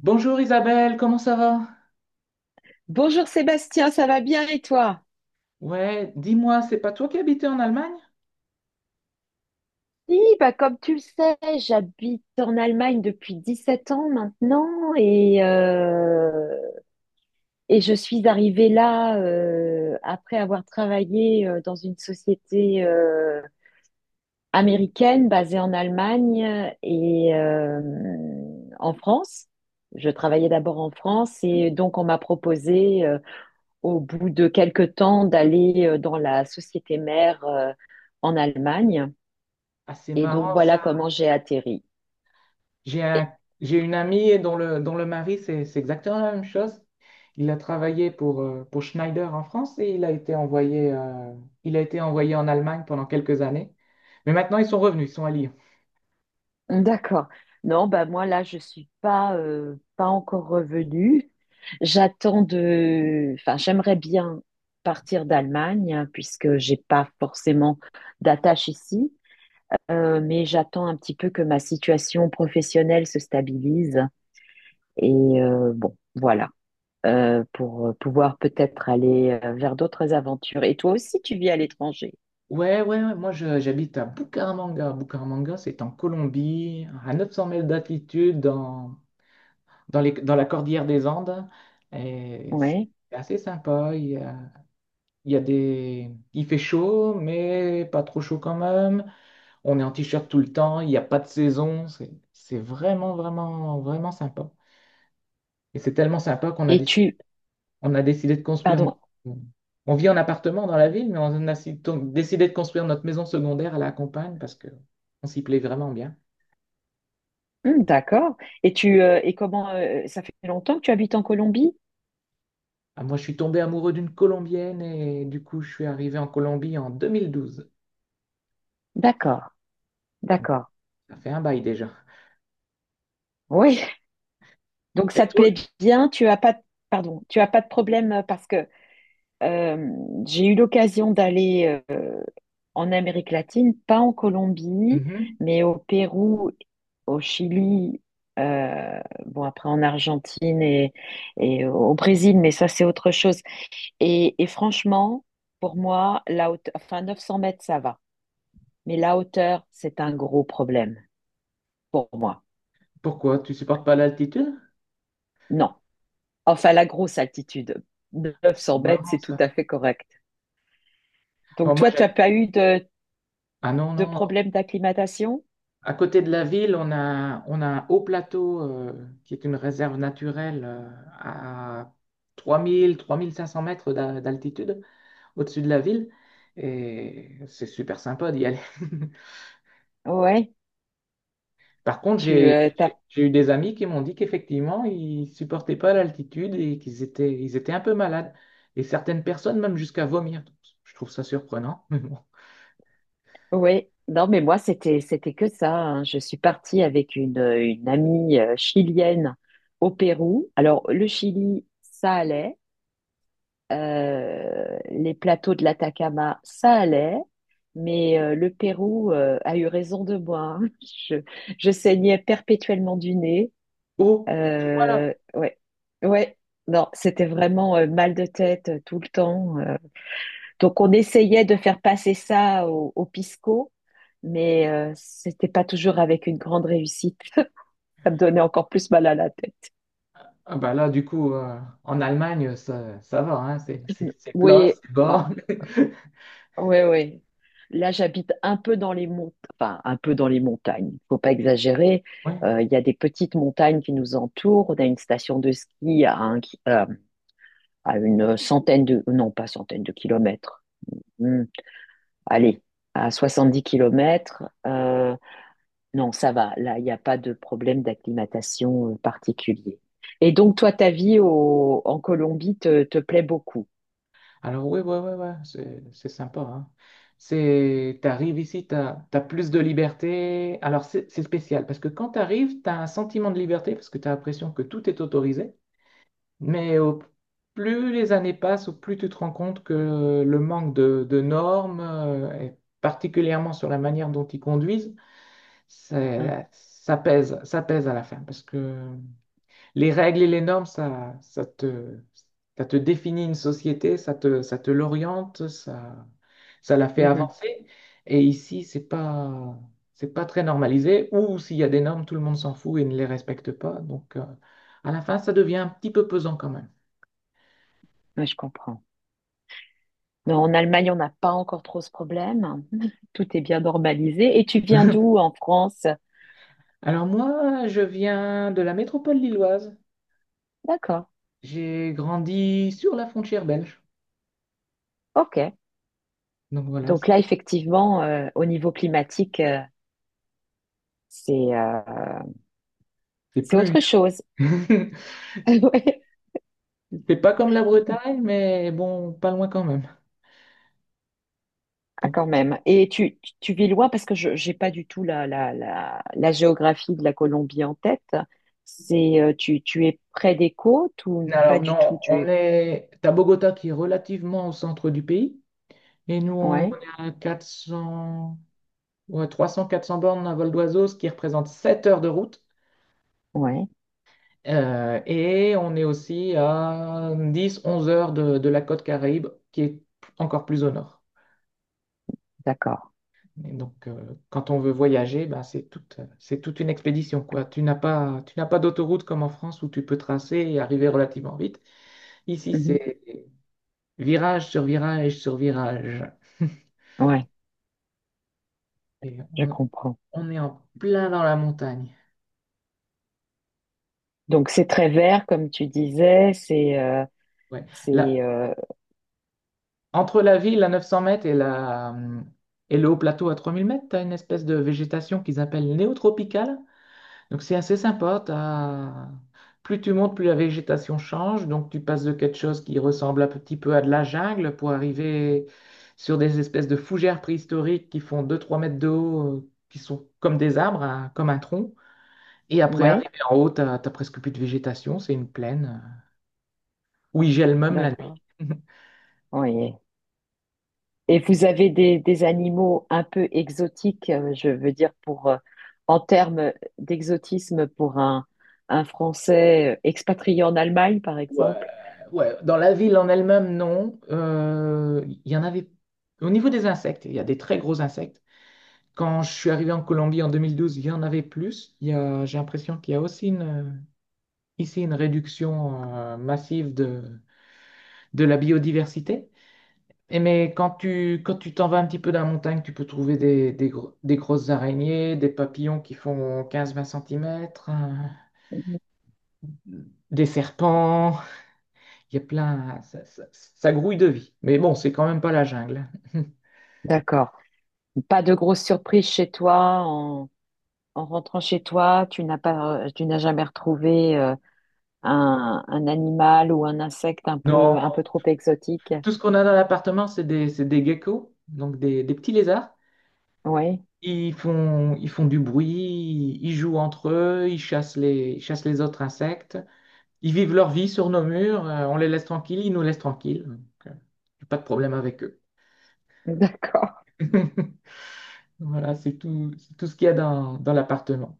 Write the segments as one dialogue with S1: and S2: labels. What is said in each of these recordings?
S1: Bonjour Isabelle, comment ça va?
S2: Bonjour Sébastien, ça va bien et toi?
S1: Ouais, dis-moi, c'est pas toi qui habitais en Allemagne?
S2: Oui, bah comme tu le sais, j'habite en Allemagne depuis 17 ans maintenant et, euh, et je suis arrivée là après avoir travaillé dans une société américaine basée en Allemagne en France. Je travaillais d'abord en France et donc on m'a proposé au bout de quelques temps d'aller dans la société mère en Allemagne.
S1: Ah, c'est
S2: Et donc
S1: marrant
S2: voilà
S1: ça.
S2: comment j'ai atterri.
S1: J'ai un-
S2: Et-
S1: j'ai une amie dont le mari, c'est exactement la même chose. Il a travaillé pour Schneider en France et il a été envoyé, il a été envoyé en Allemagne pendant quelques années. Mais maintenant, ils sont revenus, ils sont à Lyon.
S2: D'accord. Non, bah moi là, je suis pas pas encore revenue. J'attends de, enfin, j'aimerais bien partir d'Allemagne hein, puisque j'ai pas forcément d'attache ici. Mais j'attends un petit peu que ma situation professionnelle se stabilise et bon, voilà. Pour pouvoir peut-être aller vers d'autres aventures. Et toi aussi, tu vis à l'étranger,
S1: Ouais, ouais, ouais, j'habite à Bucaramanga. Bucaramanga, c'est en Colombie, à 900 mètres d'altitude, dans dans la cordillère des Andes. Et
S2: ouais.
S1: c'est assez sympa. Il y a des. Il fait chaud, mais pas trop chaud quand même. On est en t-shirt tout le temps. Il n'y a pas de saison. C'est vraiment, vraiment, vraiment sympa. Et c'est tellement sympa
S2: Et tu,
S1: on a décidé de construire.
S2: pardon.
S1: On vit en appartement dans la ville, mais on a décidé de construire notre maison secondaire à la campagne parce que on s'y plaît vraiment bien.
S2: D'accord. Et comment ça fait longtemps que tu habites en Colombie?
S1: Ah, moi, je suis tombé amoureux d'une Colombienne et du coup, je suis arrivé en Colombie en 2012.
S2: D'accord, d'accord.
S1: Ça fait un bail déjà.
S2: Oui. Donc
S1: Et
S2: ça te
S1: toi?
S2: plaît bien. Tu as pas de- pardon, tu as pas de problème parce que euh, j'ai eu l'occasion d'aller en Amérique latine, pas en Colombie,
S1: Mhm.
S2: mais au Pérou, au Chili. euh, bon après en Argentine et au Brésil, mais ça c'est autre chose. Et franchement, pour moi, enfin 900 mètres, ça va. Mais la hauteur, c'est un gros problème pour moi.
S1: Pourquoi? Tu supportes pas l'altitude?
S2: Non. Enfin, la grosse altitude,
S1: C'est
S2: 900 mètres,
S1: marrant
S2: c'est tout
S1: ça.
S2: à fait correct.
S1: Bon,
S2: Donc,
S1: moi
S2: toi, tu n'as
S1: j'aime.
S2: pas eu
S1: Ah non,
S2: de
S1: non.
S2: problème d'acclimatation?
S1: À côté de la ville, on a un haut plateau qui est une réserve naturelle à 3 500 mètres d'altitude au-dessus de la ville. Et c'est super sympa d'y aller.
S2: Ouais.
S1: Par contre,
S2: Tu, euh, t'as...
S1: j'ai eu des amis qui m'ont dit qu'effectivement, ils supportaient pas l'altitude et qu'ils étaient un peu malades. Et certaines personnes même jusqu'à vomir. Donc, je trouve ça surprenant. Mais bon.
S2: Ouais. Non, mais moi, c'était que ça, hein. Je suis partie avec une amie chilienne au Pérou. Alors, le Chili, ça allait. Les plateaux de l'Atacama, ça allait, mais le Pérou a eu raison de moi, hein. Je, je saignais perpétuellement du nez.
S1: Oh, voilà.
S2: Ouais, ouais. Non, c'était vraiment mal de tête tout le temps. Donc on essayait de faire passer ça au pisco, mais c'était pas toujours avec une grande réussite. Ça me donnait encore plus mal à la tête.
S1: Ah bah là, du coup, en Allemagne, ça va, hein, c'est plat,
S2: Oui,
S1: c'est bas.
S2: ouais, ouais. Là, j'habite un peu dans les monts, enfin, un peu dans les montagnes. Faut pas exagérer.
S1: Ouais.
S2: Il y a des petites montagnes qui nous entourent. On a une station de ski à une centaine de, non, pas centaine de kilomètres. Hmm. Allez, à 70 kilomètres. Non, ça va. Là, il n'y a pas de problème d'acclimatation particulier. Et donc, toi, en Colombie te, te plaît beaucoup.
S1: Alors oui, ouais, ouais, ouais, c'est sympa. Hein. C'est, t'arrives ici, t'as, t'as plus de liberté. Alors c'est spécial parce que quand t'arrives, t'as un sentiment de liberté parce que t'as l'impression que tout est autorisé. Mais au- Plus les années passent, au plus tu te rends compte que le manque de normes, et particulièrement sur la manière dont ils conduisent,
S2: Hein.
S1: ça pèse à la fin. Parce que les règles et les normes, ça, ça te définit une société, ça te l'oriente, ça la fait
S2: Mhm.
S1: avancer. Et ici, c'est pas très normalisé. Ou s'il y a des normes, tout le monde s'en fout et ne les respecte pas. Donc, à la fin, ça devient un petit peu pesant quand même.
S2: Ouais, je comprends. Non, en Allemagne, on n'a pas encore trop ce problème. Tout est bien normalisé. Et tu viens d'où en France?
S1: Alors moi, je viens de la métropole lilloise.
S2: D'accord.
S1: J'ai grandi sur la frontière belge.
S2: OK.
S1: Donc voilà,
S2: Donc là, effectivement, au niveau climatique, c'est euh,
S1: c'est
S2: c'est
S1: plus
S2: autre chose.
S1: vieux.
S2: Ouais.
S1: C'est pas comme la Bretagne, mais bon, pas loin quand même.
S2: Ah,
S1: Donc,
S2: quand même. Et tu vis loin parce que je j'ai pas du tout la géographie de la Colombie en tête. Tu es près des côtes ou pas
S1: alors
S2: du tout?
S1: non,
S2: Tu
S1: on
S2: es...
S1: est à Bogota qui est relativement au centre du pays. Et nous, on
S2: Ouais,
S1: est à 400, ouais, 300-400 bornes à vol d'oiseau, ce qui représente 7 heures de route.
S2: ouais,
S1: Et on est aussi à 10-11 heures de la côte Caraïbe, qui est encore plus au nord.
S2: d'accord.
S1: Et donc, quand on veut voyager, ben, c'est toute une expédition, quoi. Tu n'as pas d'autoroute comme en France où tu peux tracer et arriver relativement vite. Ici,
S2: Mhm.
S1: c'est virage sur virage sur virage.
S2: Ouais,
S1: Et
S2: je comprends.
S1: on est en plein dans la montagne.
S2: Donc c'est très vert, comme tu disais,
S1: Ouais.
S2: c'est
S1: Là, entre la ville à 900 mètres et le haut plateau à 3000 mètres, tu as une espèce de végétation qu'ils appellent néotropicale. Donc c'est assez sympa. Plus tu montes, plus la végétation change. Donc tu passes de quelque chose qui ressemble un petit peu à de la jungle pour arriver sur des espèces de fougères préhistoriques qui font 2-3 mètres de haut, qui sont comme des arbres, hein, comme un tronc. Et après,
S2: ouais,
S1: arriver en haut, t'as, t'as presque plus de végétation. C'est une plaine où il gèle même la nuit.
S2: d'accord. Oui. Et vous avez des animaux un peu exotiques, je veux dire pour en termes d'exotisme pour un Français expatrié en Allemagne, par
S1: Ouais,
S2: exemple.
S1: ouais. Dans la ville en elle-même, non. Il y en avait. Au niveau des insectes, il y a des très gros insectes. Quand je suis arrivé en Colombie en 2012, il y en avait plus. J'ai l'impression qu'il y a aussi une, ici une réduction massive de la biodiversité. Et mais quand tu t'en vas un petit peu dans la montagne, tu peux trouver des grosses araignées, des papillons qui font 15-20 cm, des serpents. Il y a plein. Ça grouille de vie. Mais bon, c'est quand même pas la jungle.
S2: D'accord. Pas de grosse surprise chez toi en rentrant chez toi, tu n'as pas tu n'as jamais retrouvé un animal ou un insecte un
S1: Non,
S2: peu trop exotique.
S1: tout ce qu'on a dans l'appartement, c'est des geckos, donc des petits lézards.
S2: Oui,
S1: Ils font du bruit, ils jouent entre eux, ils chassent les autres insectes, ils vivent leur vie sur nos murs, on les laisse tranquilles, ils nous laissent tranquilles. Donc, euh, j'ai pas de problème avec eux.
S2: d'accord.
S1: Voilà, c'est tout ce qu'il y a dans, dans l'appartement.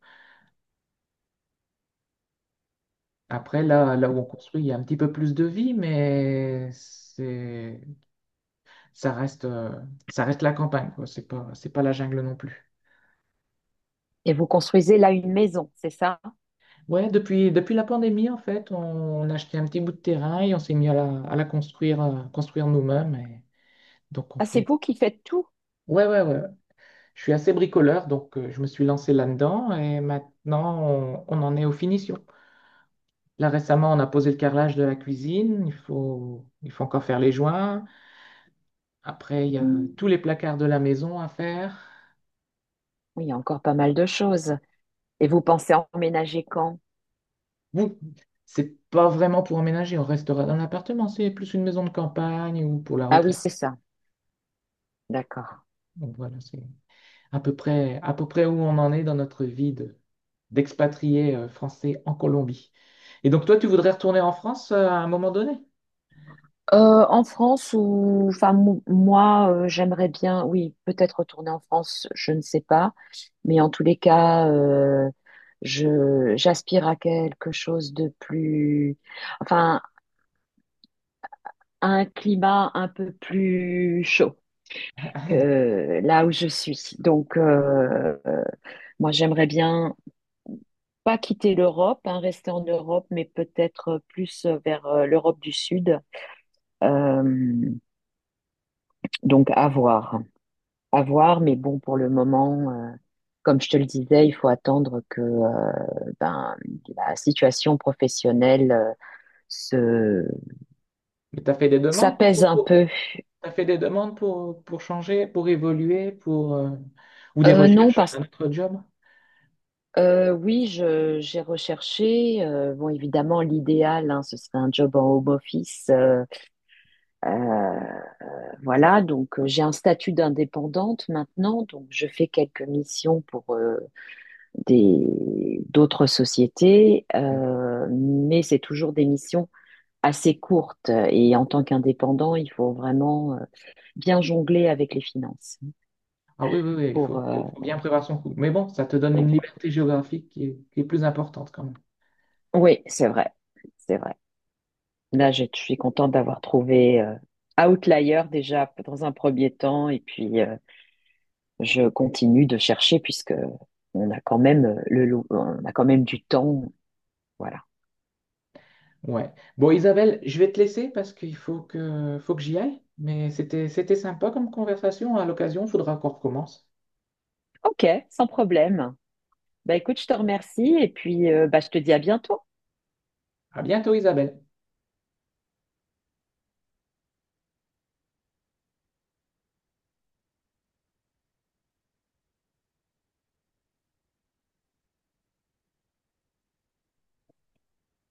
S1: Après, là où on construit, il y a un petit peu plus de vie, mais ça reste, euh, ça reste la campagne, quoi. C'est pas la jungle non plus.
S2: Et vous construisez là une maison, c'est ça?
S1: Ouais, depuis la pandémie, en fait, on a acheté un petit bout de terrain et on s'est mis à la construire, construire nous-mêmes. Et donc, on
S2: Ah, c'est
S1: fait.
S2: vous qui faites tout?
S1: Ouais, ouais, ouais. Je suis assez bricoleur, donc je me suis lancé là-dedans et maintenant, on en est aux finitions. Là, récemment, on a posé le carrelage de la cuisine. Il faut encore faire les joints. Après, il y a tous les placards de la maison à faire.
S2: Oui, il y a encore pas mal de choses. Et vous pensez emménager quand?
S1: Bon, c'est pas vraiment pour emménager. On restera dans l'appartement. C'est plus une maison de campagne ou pour la
S2: Ah oui,
S1: retraite.
S2: c'est ça. D'accord.
S1: Donc, voilà, c'est à peu près où on en est dans notre vie d'expatrié français en Colombie. Et donc, toi, tu voudrais retourner en France à un moment donné?
S2: En France ou enfin mou- moi j'aimerais bien oui peut-être retourner en France je ne sais pas, mais en tous les cas je j'aspire à quelque chose de plus, enfin à un climat un peu plus chaud que là où je suis donc moi j'aimerais bien pas quitter l'Europe, hein, rester en Europe, mais peut-être plus vers l'Europe du Sud. Euh, donc à voir, mais bon, pour le moment, comme je te le disais, il faut attendre que ben, la situation professionnelle se
S1: Mais tu as fait des demandes
S2: s'apaise un peu.
S1: t'as fait des demandes pour changer, pour évoluer, pour, ou des
S2: Non,
S1: recherches
S2: parce que
S1: d'un autre job?
S2: oui, j'ai recherché. Bon, évidemment, l'idéal, hein, ce serait un job en home office. Euh, Voilà, donc j'ai un statut d'indépendante maintenant, donc je fais quelques missions pour des d'autres sociétés, mais c'est toujours des missions assez courtes. Et en tant qu'indépendant, il faut vraiment bien jongler avec les finances.
S1: Ah oui, oui, oui,
S2: Pour
S1: faut bien prévoir son coup. Mais bon, ça te donne une liberté géographique qui est plus importante quand même.
S2: oui, c'est vrai, c'est vrai. Là, je suis contente d'avoir trouvé Outlier déjà dans un premier temps, et puis je continue de chercher puisque on a quand même on a quand même du temps. Voilà.
S1: Ouais. Bon, Isabelle, je vais te laisser parce qu'faut que j'y aille. Mais c'était sympa comme conversation. À l'occasion, il faudra qu'on recommence.
S2: Ok, sans problème. Bah écoute, je te remercie et puis bah, je te dis à bientôt.
S1: À bientôt, Isabelle.